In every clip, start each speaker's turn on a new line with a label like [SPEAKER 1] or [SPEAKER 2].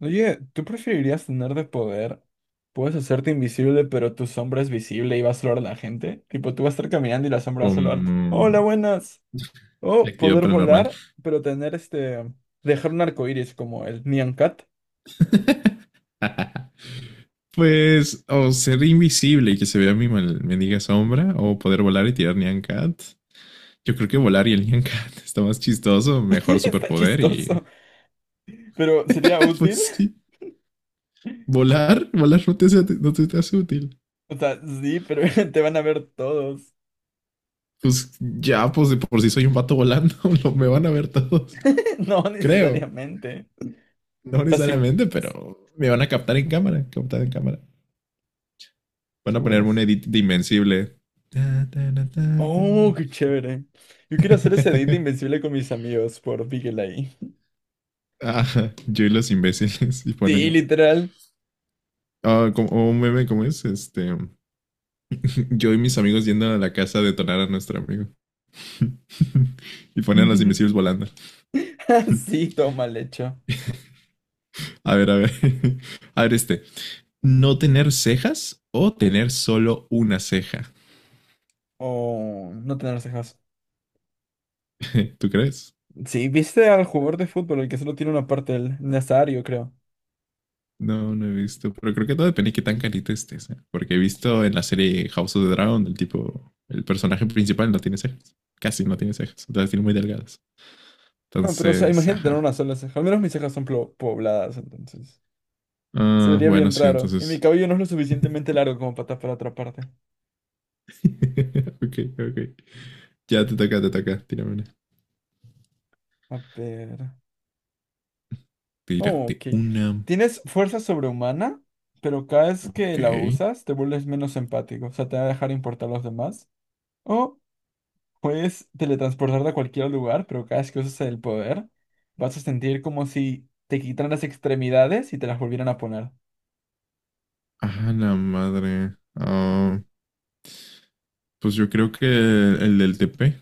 [SPEAKER 1] Oye, ¿tú preferirías tener de poder? Puedes hacerte invisible, pero tu sombra es visible y va a saludar a la gente. Tipo, tú vas a estar caminando y la sombra va a
[SPEAKER 2] Con
[SPEAKER 1] saludar. Hola, buenas. O
[SPEAKER 2] actividad
[SPEAKER 1] poder
[SPEAKER 2] paranormal.
[SPEAKER 1] volar, pero tener este. Dejar un arco iris como el Nyan Cat.
[SPEAKER 2] Pues, o ser invisible y que se vea mi mal- mendiga sombra, o poder volar y tirar Nyan Cat. Yo creo que volar y el Nyan Cat está más chistoso, mejor
[SPEAKER 1] Está
[SPEAKER 2] superpoder y.
[SPEAKER 1] chistoso, pero sería
[SPEAKER 2] Pues
[SPEAKER 1] útil.
[SPEAKER 2] sí. Volar, volar no te, hace- no te, te hace útil.
[SPEAKER 1] O sea, sí, pero te van a ver todos.
[SPEAKER 2] Pues ya, pues de por sí soy un vato volando, me van a ver todos.
[SPEAKER 1] No
[SPEAKER 2] Creo.
[SPEAKER 1] necesariamente. O
[SPEAKER 2] No
[SPEAKER 1] sea, si,
[SPEAKER 2] necesariamente, pero me van a captar en cámara, captar en cámara. Van a
[SPEAKER 1] si
[SPEAKER 2] ponerme un
[SPEAKER 1] vuelas.
[SPEAKER 2] edit de invencible. Ta, ta, ta, ta, ta,
[SPEAKER 1] Oh,
[SPEAKER 2] ta.
[SPEAKER 1] qué chévere. Yo quiero hacer ese edit invencible con mis amigos por Big LA.
[SPEAKER 2] Ajá, yo y los imbéciles y ponen
[SPEAKER 1] Sí,
[SPEAKER 2] a-
[SPEAKER 1] literal.
[SPEAKER 2] Ah, como- o un meme, ¿cómo es? Yo y mis amigos yendo a la casa a detonar a nuestro amigo. Y ponen a los imbéciles volando.
[SPEAKER 1] Sí, toma mal.
[SPEAKER 2] A ver, a ver. A ver. ¿No tener cejas o tener solo una ceja?
[SPEAKER 1] O no tener cejas.
[SPEAKER 2] ¿Tú crees?
[SPEAKER 1] Sí, ¿viste al jugador de fútbol, el que solo tiene una parte del nasario, creo?
[SPEAKER 2] No, no he visto. Pero creo que todo depende de qué tan carita estés, ¿eh? Porque he visto en la serie House of the Dragon, el tipo, el personaje principal no tiene cejas. Casi no tiene cejas. Las tiene muy delgadas.
[SPEAKER 1] No, pero o sea,
[SPEAKER 2] Entonces,
[SPEAKER 1] imagínate tener
[SPEAKER 2] ajá.
[SPEAKER 1] una sola ceja. Al menos mis cejas son pobladas, entonces. Se
[SPEAKER 2] Ah,
[SPEAKER 1] vería
[SPEAKER 2] bueno,
[SPEAKER 1] bien
[SPEAKER 2] sí,
[SPEAKER 1] raro. Y mi
[SPEAKER 2] entonces.
[SPEAKER 1] cabello no es lo suficientemente largo como para tapar otra parte.
[SPEAKER 2] Ok, ok. Ya te toca, te toca. Tírame una.
[SPEAKER 1] A ver. Oh,
[SPEAKER 2] Tírate
[SPEAKER 1] ok.
[SPEAKER 2] una.
[SPEAKER 1] Tienes fuerza sobrehumana, pero cada vez
[SPEAKER 2] Ok.
[SPEAKER 1] que la usas te vuelves menos empático. O sea, te va a dejar importar a los demás. O puedes teletransportarte a cualquier lugar, pero cada vez que uses el poder, vas a sentir como si te quitaran las extremidades y te las volvieran a poner.
[SPEAKER 2] Ah, la madre. Ah, pues yo creo que el del TP,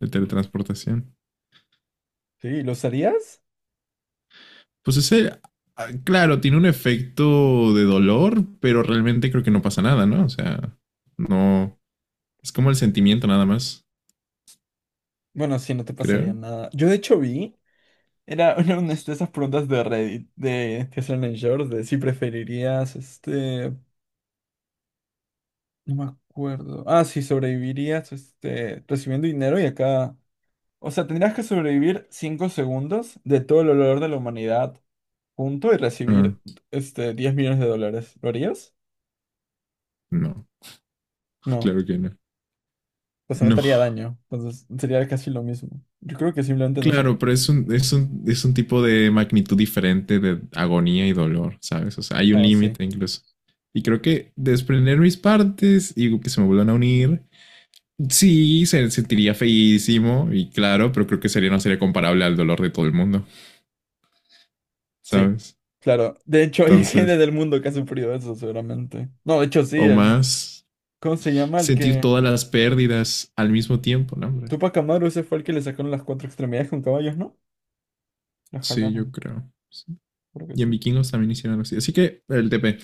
[SPEAKER 2] el teletransportación.
[SPEAKER 1] Sí, ¿lo usarías?
[SPEAKER 2] Pues ese, ah, claro, tiene un efecto de dolor, pero realmente creo que no pasa nada, ¿no? O sea, no. Es como el sentimiento nada más,
[SPEAKER 1] Bueno, sí, no te pasaría
[SPEAKER 2] creo.
[SPEAKER 1] nada. Yo de hecho vi, era una de esas preguntas de Reddit, de que hacían en shorts, de si preferirías, este, no me acuerdo. Ah, sí, sobrevivirías, este, recibiendo dinero y acá. O sea, tendrías que sobrevivir 5 segundos de todo el olor de la humanidad. Punto y
[SPEAKER 2] Ah,
[SPEAKER 1] recibir este 10 millones de dólares. ¿Lo harías?
[SPEAKER 2] no,
[SPEAKER 1] No,
[SPEAKER 2] claro que no.
[SPEAKER 1] pues no
[SPEAKER 2] No,
[SPEAKER 1] te haría daño. Entonces sería casi lo mismo. Yo creo que simplemente no
[SPEAKER 2] claro, pero es
[SPEAKER 1] soportaría.
[SPEAKER 2] un tipo de magnitud diferente de agonía y dolor, ¿sabes? O sea, hay un
[SPEAKER 1] Ah, sí.
[SPEAKER 2] límite incluso. Y creo que desprender mis partes y que se me vuelvan a unir, sí, se sentiría feísimo y claro, pero creo que sería, no sería comparable al dolor de todo el mundo,
[SPEAKER 1] Sí.
[SPEAKER 2] ¿sabes?
[SPEAKER 1] Claro. De hecho, hay gente
[SPEAKER 2] Entonces,
[SPEAKER 1] del mundo que ha sufrido eso, seguramente. No, de hecho, sí,
[SPEAKER 2] o
[SPEAKER 1] el.
[SPEAKER 2] más,
[SPEAKER 1] ¿Cómo se llama? El
[SPEAKER 2] sentir
[SPEAKER 1] que.
[SPEAKER 2] todas las pérdidas al mismo tiempo, ¿no, hombre?
[SPEAKER 1] Tupac Amaru, ese fue el que le sacaron las cuatro extremidades con caballos, ¿no? La
[SPEAKER 2] Sí, yo
[SPEAKER 1] jalaron.
[SPEAKER 2] creo. Sí.
[SPEAKER 1] Creo que
[SPEAKER 2] Y en
[SPEAKER 1] sí.
[SPEAKER 2] vikingos también hicieron algo así. Así que el TP.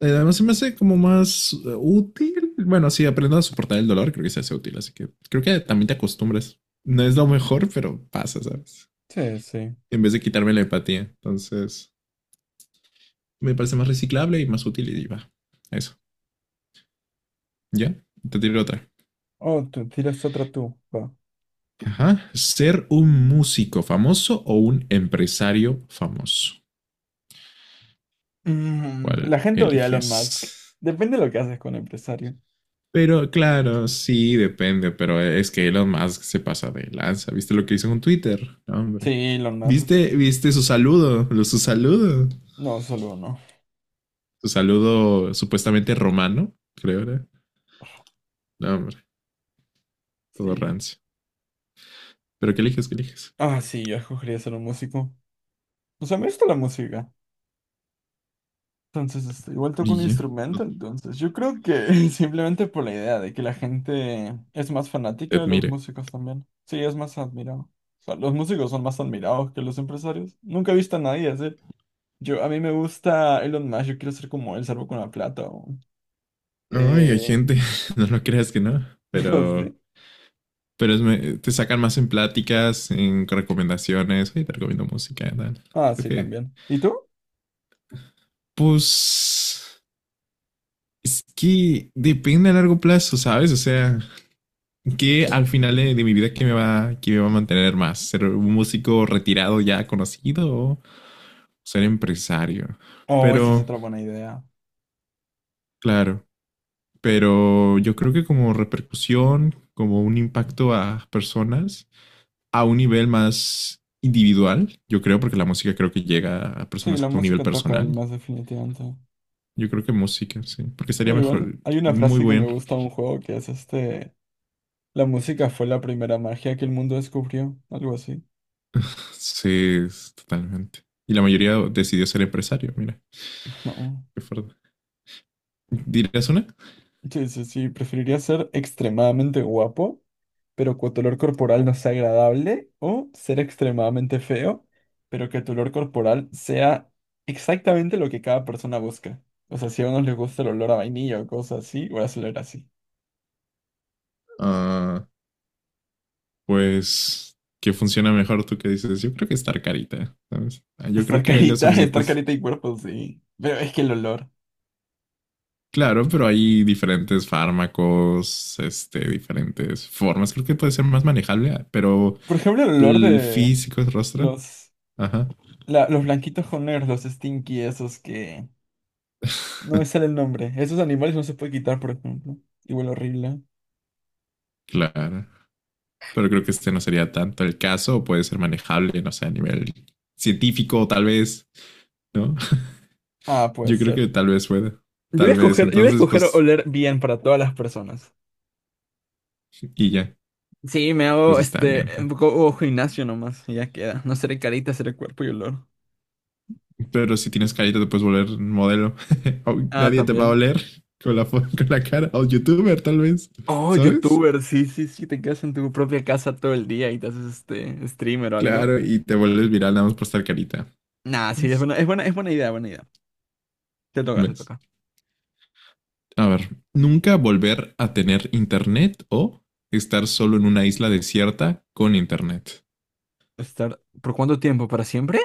[SPEAKER 2] Además, se me hace como más útil. Bueno, sí, aprendo a soportar el dolor, creo que se hace útil, así que creo que también te acostumbras. No es lo mejor, pero pasa, ¿sabes?
[SPEAKER 1] Sí, sí.
[SPEAKER 2] En vez de quitarme la empatía. Entonces, me parece más reciclable y más útil y va. Eso. ¿Ya? Te tiro otra.
[SPEAKER 1] Oh, tú tiras otra tú. Va.
[SPEAKER 2] Ajá. ¿Ser un músico famoso o un empresario famoso?
[SPEAKER 1] Mm,
[SPEAKER 2] ¿Cuál
[SPEAKER 1] la gente odia a Elon Musk.
[SPEAKER 2] eliges?
[SPEAKER 1] Depende de lo que haces con empresario.
[SPEAKER 2] Pero claro, sí, depende, pero es que Elon Musk se pasa de lanza. ¿Viste lo que hizo con Twitter? No,
[SPEAKER 1] Sí,
[SPEAKER 2] hombre.
[SPEAKER 1] Elon Musk. Sí.
[SPEAKER 2] ¿Viste su saludo? Lo- Su saludo.
[SPEAKER 1] No, solo no.
[SPEAKER 2] Su saludo supuestamente romano, creo, era. No, hombre, todo
[SPEAKER 1] Sí.
[SPEAKER 2] rancio. ¿Pero qué eliges? ¿Qué eliges?
[SPEAKER 1] Ah, sí, yo escogería ser un músico. O sea, me gusta la música. Entonces, este, igual toco
[SPEAKER 2] Y
[SPEAKER 1] un
[SPEAKER 2] yo,
[SPEAKER 1] instrumento,
[SPEAKER 2] no
[SPEAKER 1] entonces yo creo que simplemente por la idea de que la gente es más
[SPEAKER 2] te
[SPEAKER 1] fanática de los
[SPEAKER 2] admire.
[SPEAKER 1] músicos también. Sí, es más admirado. O sea, los músicos son más admirados que los empresarios. Nunca he visto a nadie decir, yo, a mí me gusta Elon Musk, yo quiero ser como él, salvo con la plata o.
[SPEAKER 2] Ay, hay
[SPEAKER 1] Eh,
[SPEAKER 2] gente, no lo creas que no,
[SPEAKER 1] no sé.
[SPEAKER 2] pero es me- te sacan más en pláticas, en recomendaciones. Oye, te recomiendo música, tal.
[SPEAKER 1] Ah,
[SPEAKER 2] Creo
[SPEAKER 1] sí,
[SPEAKER 2] que,
[SPEAKER 1] también. ¿Y tú?
[SPEAKER 2] pues, es que depende a largo plazo, ¿sabes? O sea, que al final de mi vida, qué me va a mantener más? ¿Ser un músico retirado ya conocido o ser empresario?
[SPEAKER 1] Oh, esa es
[SPEAKER 2] Pero,
[SPEAKER 1] otra buena idea.
[SPEAKER 2] claro, pero yo creo que como repercusión, como un impacto a personas a un nivel más individual, yo creo, porque la música creo que llega a
[SPEAKER 1] Sí,
[SPEAKER 2] personas
[SPEAKER 1] la
[SPEAKER 2] a un nivel
[SPEAKER 1] música toca el
[SPEAKER 2] personal.
[SPEAKER 1] más definitivamente.
[SPEAKER 2] Yo creo que música, sí, porque estaría
[SPEAKER 1] Muy bueno.
[SPEAKER 2] mejor,
[SPEAKER 1] Hay una
[SPEAKER 2] muy
[SPEAKER 1] frase que me
[SPEAKER 2] buen
[SPEAKER 1] gusta de un juego que es este, la música fue la primera magia que el mundo descubrió, algo así.
[SPEAKER 2] sí, totalmente. Y la mayoría decidió ser empresario, mira,
[SPEAKER 1] No.
[SPEAKER 2] qué fuerte. ¿Dirás una?
[SPEAKER 1] Sí, sí, sí, preferiría ser extremadamente guapo, pero que tu olor corporal no sea agradable, o ser extremadamente feo, pero que tu olor corporal sea exactamente lo que cada persona busca. O sea, si a unos les gusta el olor a vainilla o cosas así, voy a hacer así.
[SPEAKER 2] Ah, pues qué funciona mejor tú que dices, yo creo que estar carita, ¿sabes? Ah, yo creo
[SPEAKER 1] Estar
[SPEAKER 2] que hay los
[SPEAKER 1] carita, estar
[SPEAKER 2] suficientes.
[SPEAKER 1] carita y cuerpo, sí. Pero es que el olor.
[SPEAKER 2] Claro, pero hay diferentes fármacos, diferentes formas. Creo que puede ser más manejable, ah, pero
[SPEAKER 1] Por ejemplo, el olor
[SPEAKER 2] el
[SPEAKER 1] de
[SPEAKER 2] físico es rostro.
[SPEAKER 1] los.
[SPEAKER 2] Ajá.
[SPEAKER 1] La- los blanquitos con negros, los stinky, esos que. No me sale el nombre. Esos animales no se puede quitar, por ejemplo. Y huele horrible.
[SPEAKER 2] Claro. Pero creo que este no sería tanto el caso, o puede ser manejable, no sé, a nivel científico, tal vez, ¿no?
[SPEAKER 1] Ah, puede
[SPEAKER 2] Yo creo
[SPEAKER 1] ser.
[SPEAKER 2] que tal vez pueda.
[SPEAKER 1] Yo voy a
[SPEAKER 2] Tal vez.
[SPEAKER 1] escoger, yo voy a
[SPEAKER 2] Entonces,
[SPEAKER 1] escoger
[SPEAKER 2] pues,
[SPEAKER 1] oler bien para todas las personas.
[SPEAKER 2] y ya.
[SPEAKER 1] Sí, me
[SPEAKER 2] Pues
[SPEAKER 1] hago
[SPEAKER 2] está
[SPEAKER 1] este
[SPEAKER 2] bien. Está.
[SPEAKER 1] un poco oh, gimnasio nomás. Y ya queda. No seré carita, seré cuerpo y olor.
[SPEAKER 2] Pero si tienes carita, te puedes volver modelo. O
[SPEAKER 1] Ah,
[SPEAKER 2] nadie te va a
[SPEAKER 1] también.
[SPEAKER 2] oler con la, fo- con la cara. O youtuber, tal vez.
[SPEAKER 1] Oh,
[SPEAKER 2] ¿Sabes?
[SPEAKER 1] youtuber, sí, sí, sí, te quedas en tu propia casa todo el día y te haces este streamer o algo.
[SPEAKER 2] Claro, y te vuelves viral nada más por estar carita.
[SPEAKER 1] Nah, sí, es
[SPEAKER 2] ¿Ves?
[SPEAKER 1] buena, es buena, es buena idea, buena idea. Te toca, te
[SPEAKER 2] ¿Ves?
[SPEAKER 1] toca.
[SPEAKER 2] A ver, nunca volver a tener internet o estar solo en una isla desierta con internet.
[SPEAKER 1] Estar, ¿por cuánto tiempo? ¿Para siempre?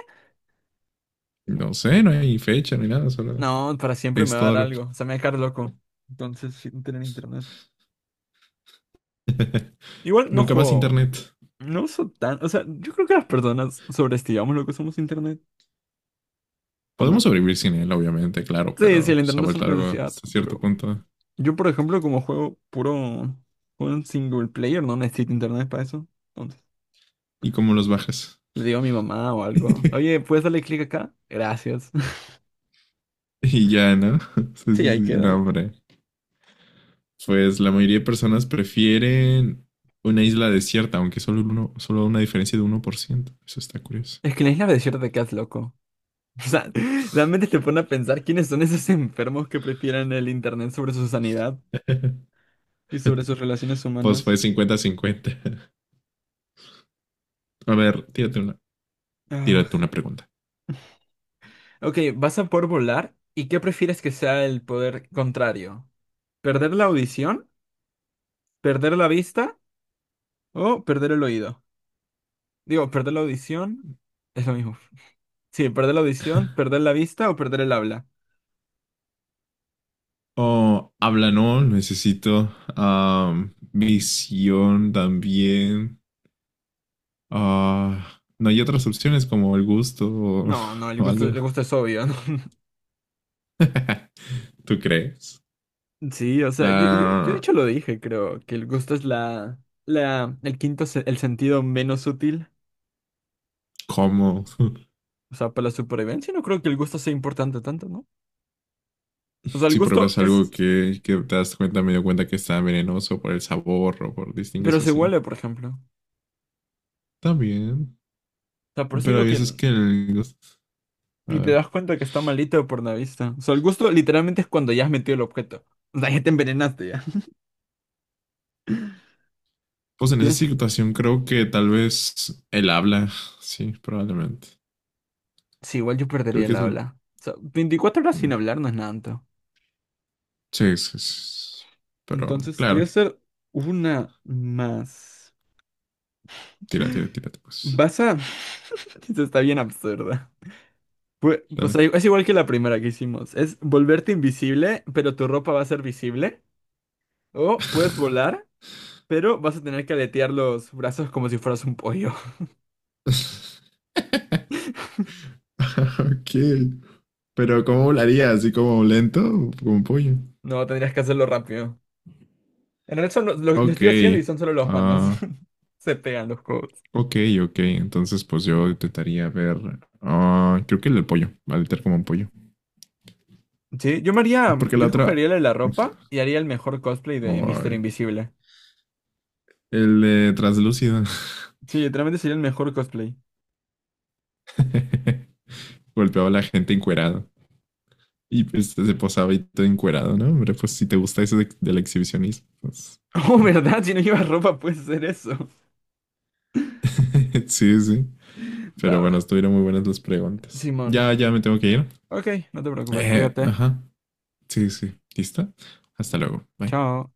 [SPEAKER 2] No sé, no hay fecha, no hay nada, solo
[SPEAKER 1] No, para siempre me
[SPEAKER 2] es
[SPEAKER 1] va a dar
[SPEAKER 2] todo lo que...
[SPEAKER 1] algo. O sea, me va a dejar loco. Entonces, sin tener internet. Igual no
[SPEAKER 2] Nunca más
[SPEAKER 1] juego.
[SPEAKER 2] internet.
[SPEAKER 1] No uso tan. O sea, yo creo que las personas sobreestimamos lo que somos internet. ¿O
[SPEAKER 2] Podemos
[SPEAKER 1] no?
[SPEAKER 2] sobrevivir sin él, obviamente, claro,
[SPEAKER 1] Sí, sí,
[SPEAKER 2] pero
[SPEAKER 1] el
[SPEAKER 2] se ha
[SPEAKER 1] internet es una
[SPEAKER 2] vuelto algo
[SPEAKER 1] necesidad.
[SPEAKER 2] hasta cierto
[SPEAKER 1] Pero
[SPEAKER 2] punto.
[SPEAKER 1] yo, por ejemplo, como juego puro. Un single player, no necesito internet para eso. Entonces,
[SPEAKER 2] ¿Y cómo los bajas?
[SPEAKER 1] le digo a mi mamá o algo. Oye, ¿puedes darle clic acá? Gracias.
[SPEAKER 2] Y ya, ¿no? Sí,
[SPEAKER 1] Sí,
[SPEAKER 2] sí, sí,
[SPEAKER 1] ahí
[SPEAKER 2] no,
[SPEAKER 1] queda.
[SPEAKER 2] hombre. Pues la mayoría de personas prefieren una isla desierta, aunque solo, uno, solo una diferencia de 1%. Eso está curioso.
[SPEAKER 1] Es que en la isla desierta te quedas loco. O sea, realmente te pone a pensar quiénes son esos enfermos que prefieren el internet sobre su sanidad. Y sobre sus relaciones
[SPEAKER 2] Pues fue
[SPEAKER 1] humanas.
[SPEAKER 2] 50-50. A ver, tírate
[SPEAKER 1] Ah,
[SPEAKER 2] una pregunta.
[SPEAKER 1] ok, vas a poder volar. ¿Y qué prefieres que sea el poder contrario? ¿Perder la audición? ¿Perder la vista? ¿O perder el oído? Digo, perder la audición es lo mismo. Sí, perder la audición, perder la vista o perder el habla.
[SPEAKER 2] Oh, habla, no, necesito visión también. Ah, no hay otras opciones como el gusto
[SPEAKER 1] No, no,
[SPEAKER 2] o algo.
[SPEAKER 1] el gusto es obvio, ¿no?
[SPEAKER 2] ¿Tú crees?
[SPEAKER 1] Sí, o sea, yo de hecho lo
[SPEAKER 2] Ah,
[SPEAKER 1] dije, creo, que el gusto es el quinto, el sentido menos útil.
[SPEAKER 2] ¿cómo?
[SPEAKER 1] O sea, para la supervivencia no creo que el gusto sea importante tanto, ¿no? O sea, el
[SPEAKER 2] Si
[SPEAKER 1] gusto
[SPEAKER 2] pruebas algo
[SPEAKER 1] es.
[SPEAKER 2] que te das cuenta, me dio cuenta que está venenoso por el sabor o por distingues
[SPEAKER 1] Pero
[SPEAKER 2] o
[SPEAKER 1] se
[SPEAKER 2] así.
[SPEAKER 1] huele, por ejemplo. O
[SPEAKER 2] Está bien.
[SPEAKER 1] sea, por eso
[SPEAKER 2] Pero hay
[SPEAKER 1] digo
[SPEAKER 2] veces
[SPEAKER 1] que
[SPEAKER 2] que el gusto. A
[SPEAKER 1] ni te
[SPEAKER 2] ver.
[SPEAKER 1] das cuenta que está malito por la vista. O sea, el gusto literalmente es cuando ya has metido el objeto. O sea, ya te envenenaste ya.
[SPEAKER 2] Pues en esa
[SPEAKER 1] ¿Tienes?
[SPEAKER 2] situación creo que tal vez él habla. Sí, probablemente.
[SPEAKER 1] Sí, igual yo
[SPEAKER 2] Creo
[SPEAKER 1] perdería
[SPEAKER 2] que
[SPEAKER 1] el
[SPEAKER 2] es. L-
[SPEAKER 1] habla. O sea, 24 horas
[SPEAKER 2] mm,
[SPEAKER 1] sin hablar no es nada tanto.
[SPEAKER 2] sí, sí, sí, sí. Pero,
[SPEAKER 1] Entonces, te voy a
[SPEAKER 2] claro.
[SPEAKER 1] hacer una más.
[SPEAKER 2] Tira, tira, tírate, pues.
[SPEAKER 1] Vas a. Esto está bien absurda. Pues, o sea,
[SPEAKER 2] Dale.
[SPEAKER 1] es igual que la primera que hicimos. Es volverte invisible, pero tu ropa va a ser visible. O puedes volar, pero vas a tener que aletear los brazos como si fueras un pollo.
[SPEAKER 2] Ok. Pero ¿cómo volaría? ¿Así como lento? ¿O como un pollo?
[SPEAKER 1] No, tendrías que hacerlo rápido. En realidad son lo
[SPEAKER 2] Ok.
[SPEAKER 1] estoy haciendo y son solo los manos.
[SPEAKER 2] Ah,
[SPEAKER 1] Se pegan los codos.
[SPEAKER 2] ok, ok. Entonces, pues yo intentaría ver. Ah, creo que el del pollo. Va a literar como un pollo.
[SPEAKER 1] Sí, yo me haría,
[SPEAKER 2] Porque la
[SPEAKER 1] yo escogería
[SPEAKER 2] otra.
[SPEAKER 1] el de la ropa y haría el mejor cosplay de Mister
[SPEAKER 2] Ay.
[SPEAKER 1] Invisible.
[SPEAKER 2] El de translúcido.
[SPEAKER 1] Sí, literalmente sería el mejor cosplay.
[SPEAKER 2] Golpeaba a la gente encuerado. Y pues se posaba y todo encuerado, ¿no? Hombre, pues si te gusta eso de- del exhibicionismo, pues
[SPEAKER 1] Oh,
[SPEAKER 2] bien.
[SPEAKER 1] ¿verdad? Si no llevas ropa puedes hacer eso.
[SPEAKER 2] Sí, sí. Pero
[SPEAKER 1] Va,
[SPEAKER 2] bueno,
[SPEAKER 1] bro.
[SPEAKER 2] estuvieron muy buenas las preguntas.
[SPEAKER 1] Simón.
[SPEAKER 2] Ya, ya me tengo que ir.
[SPEAKER 1] Ok, no te preocupes, cuídate.
[SPEAKER 2] Ajá, sí, sí, sí. ¿Listo? Hasta luego. Bye.
[SPEAKER 1] Chao.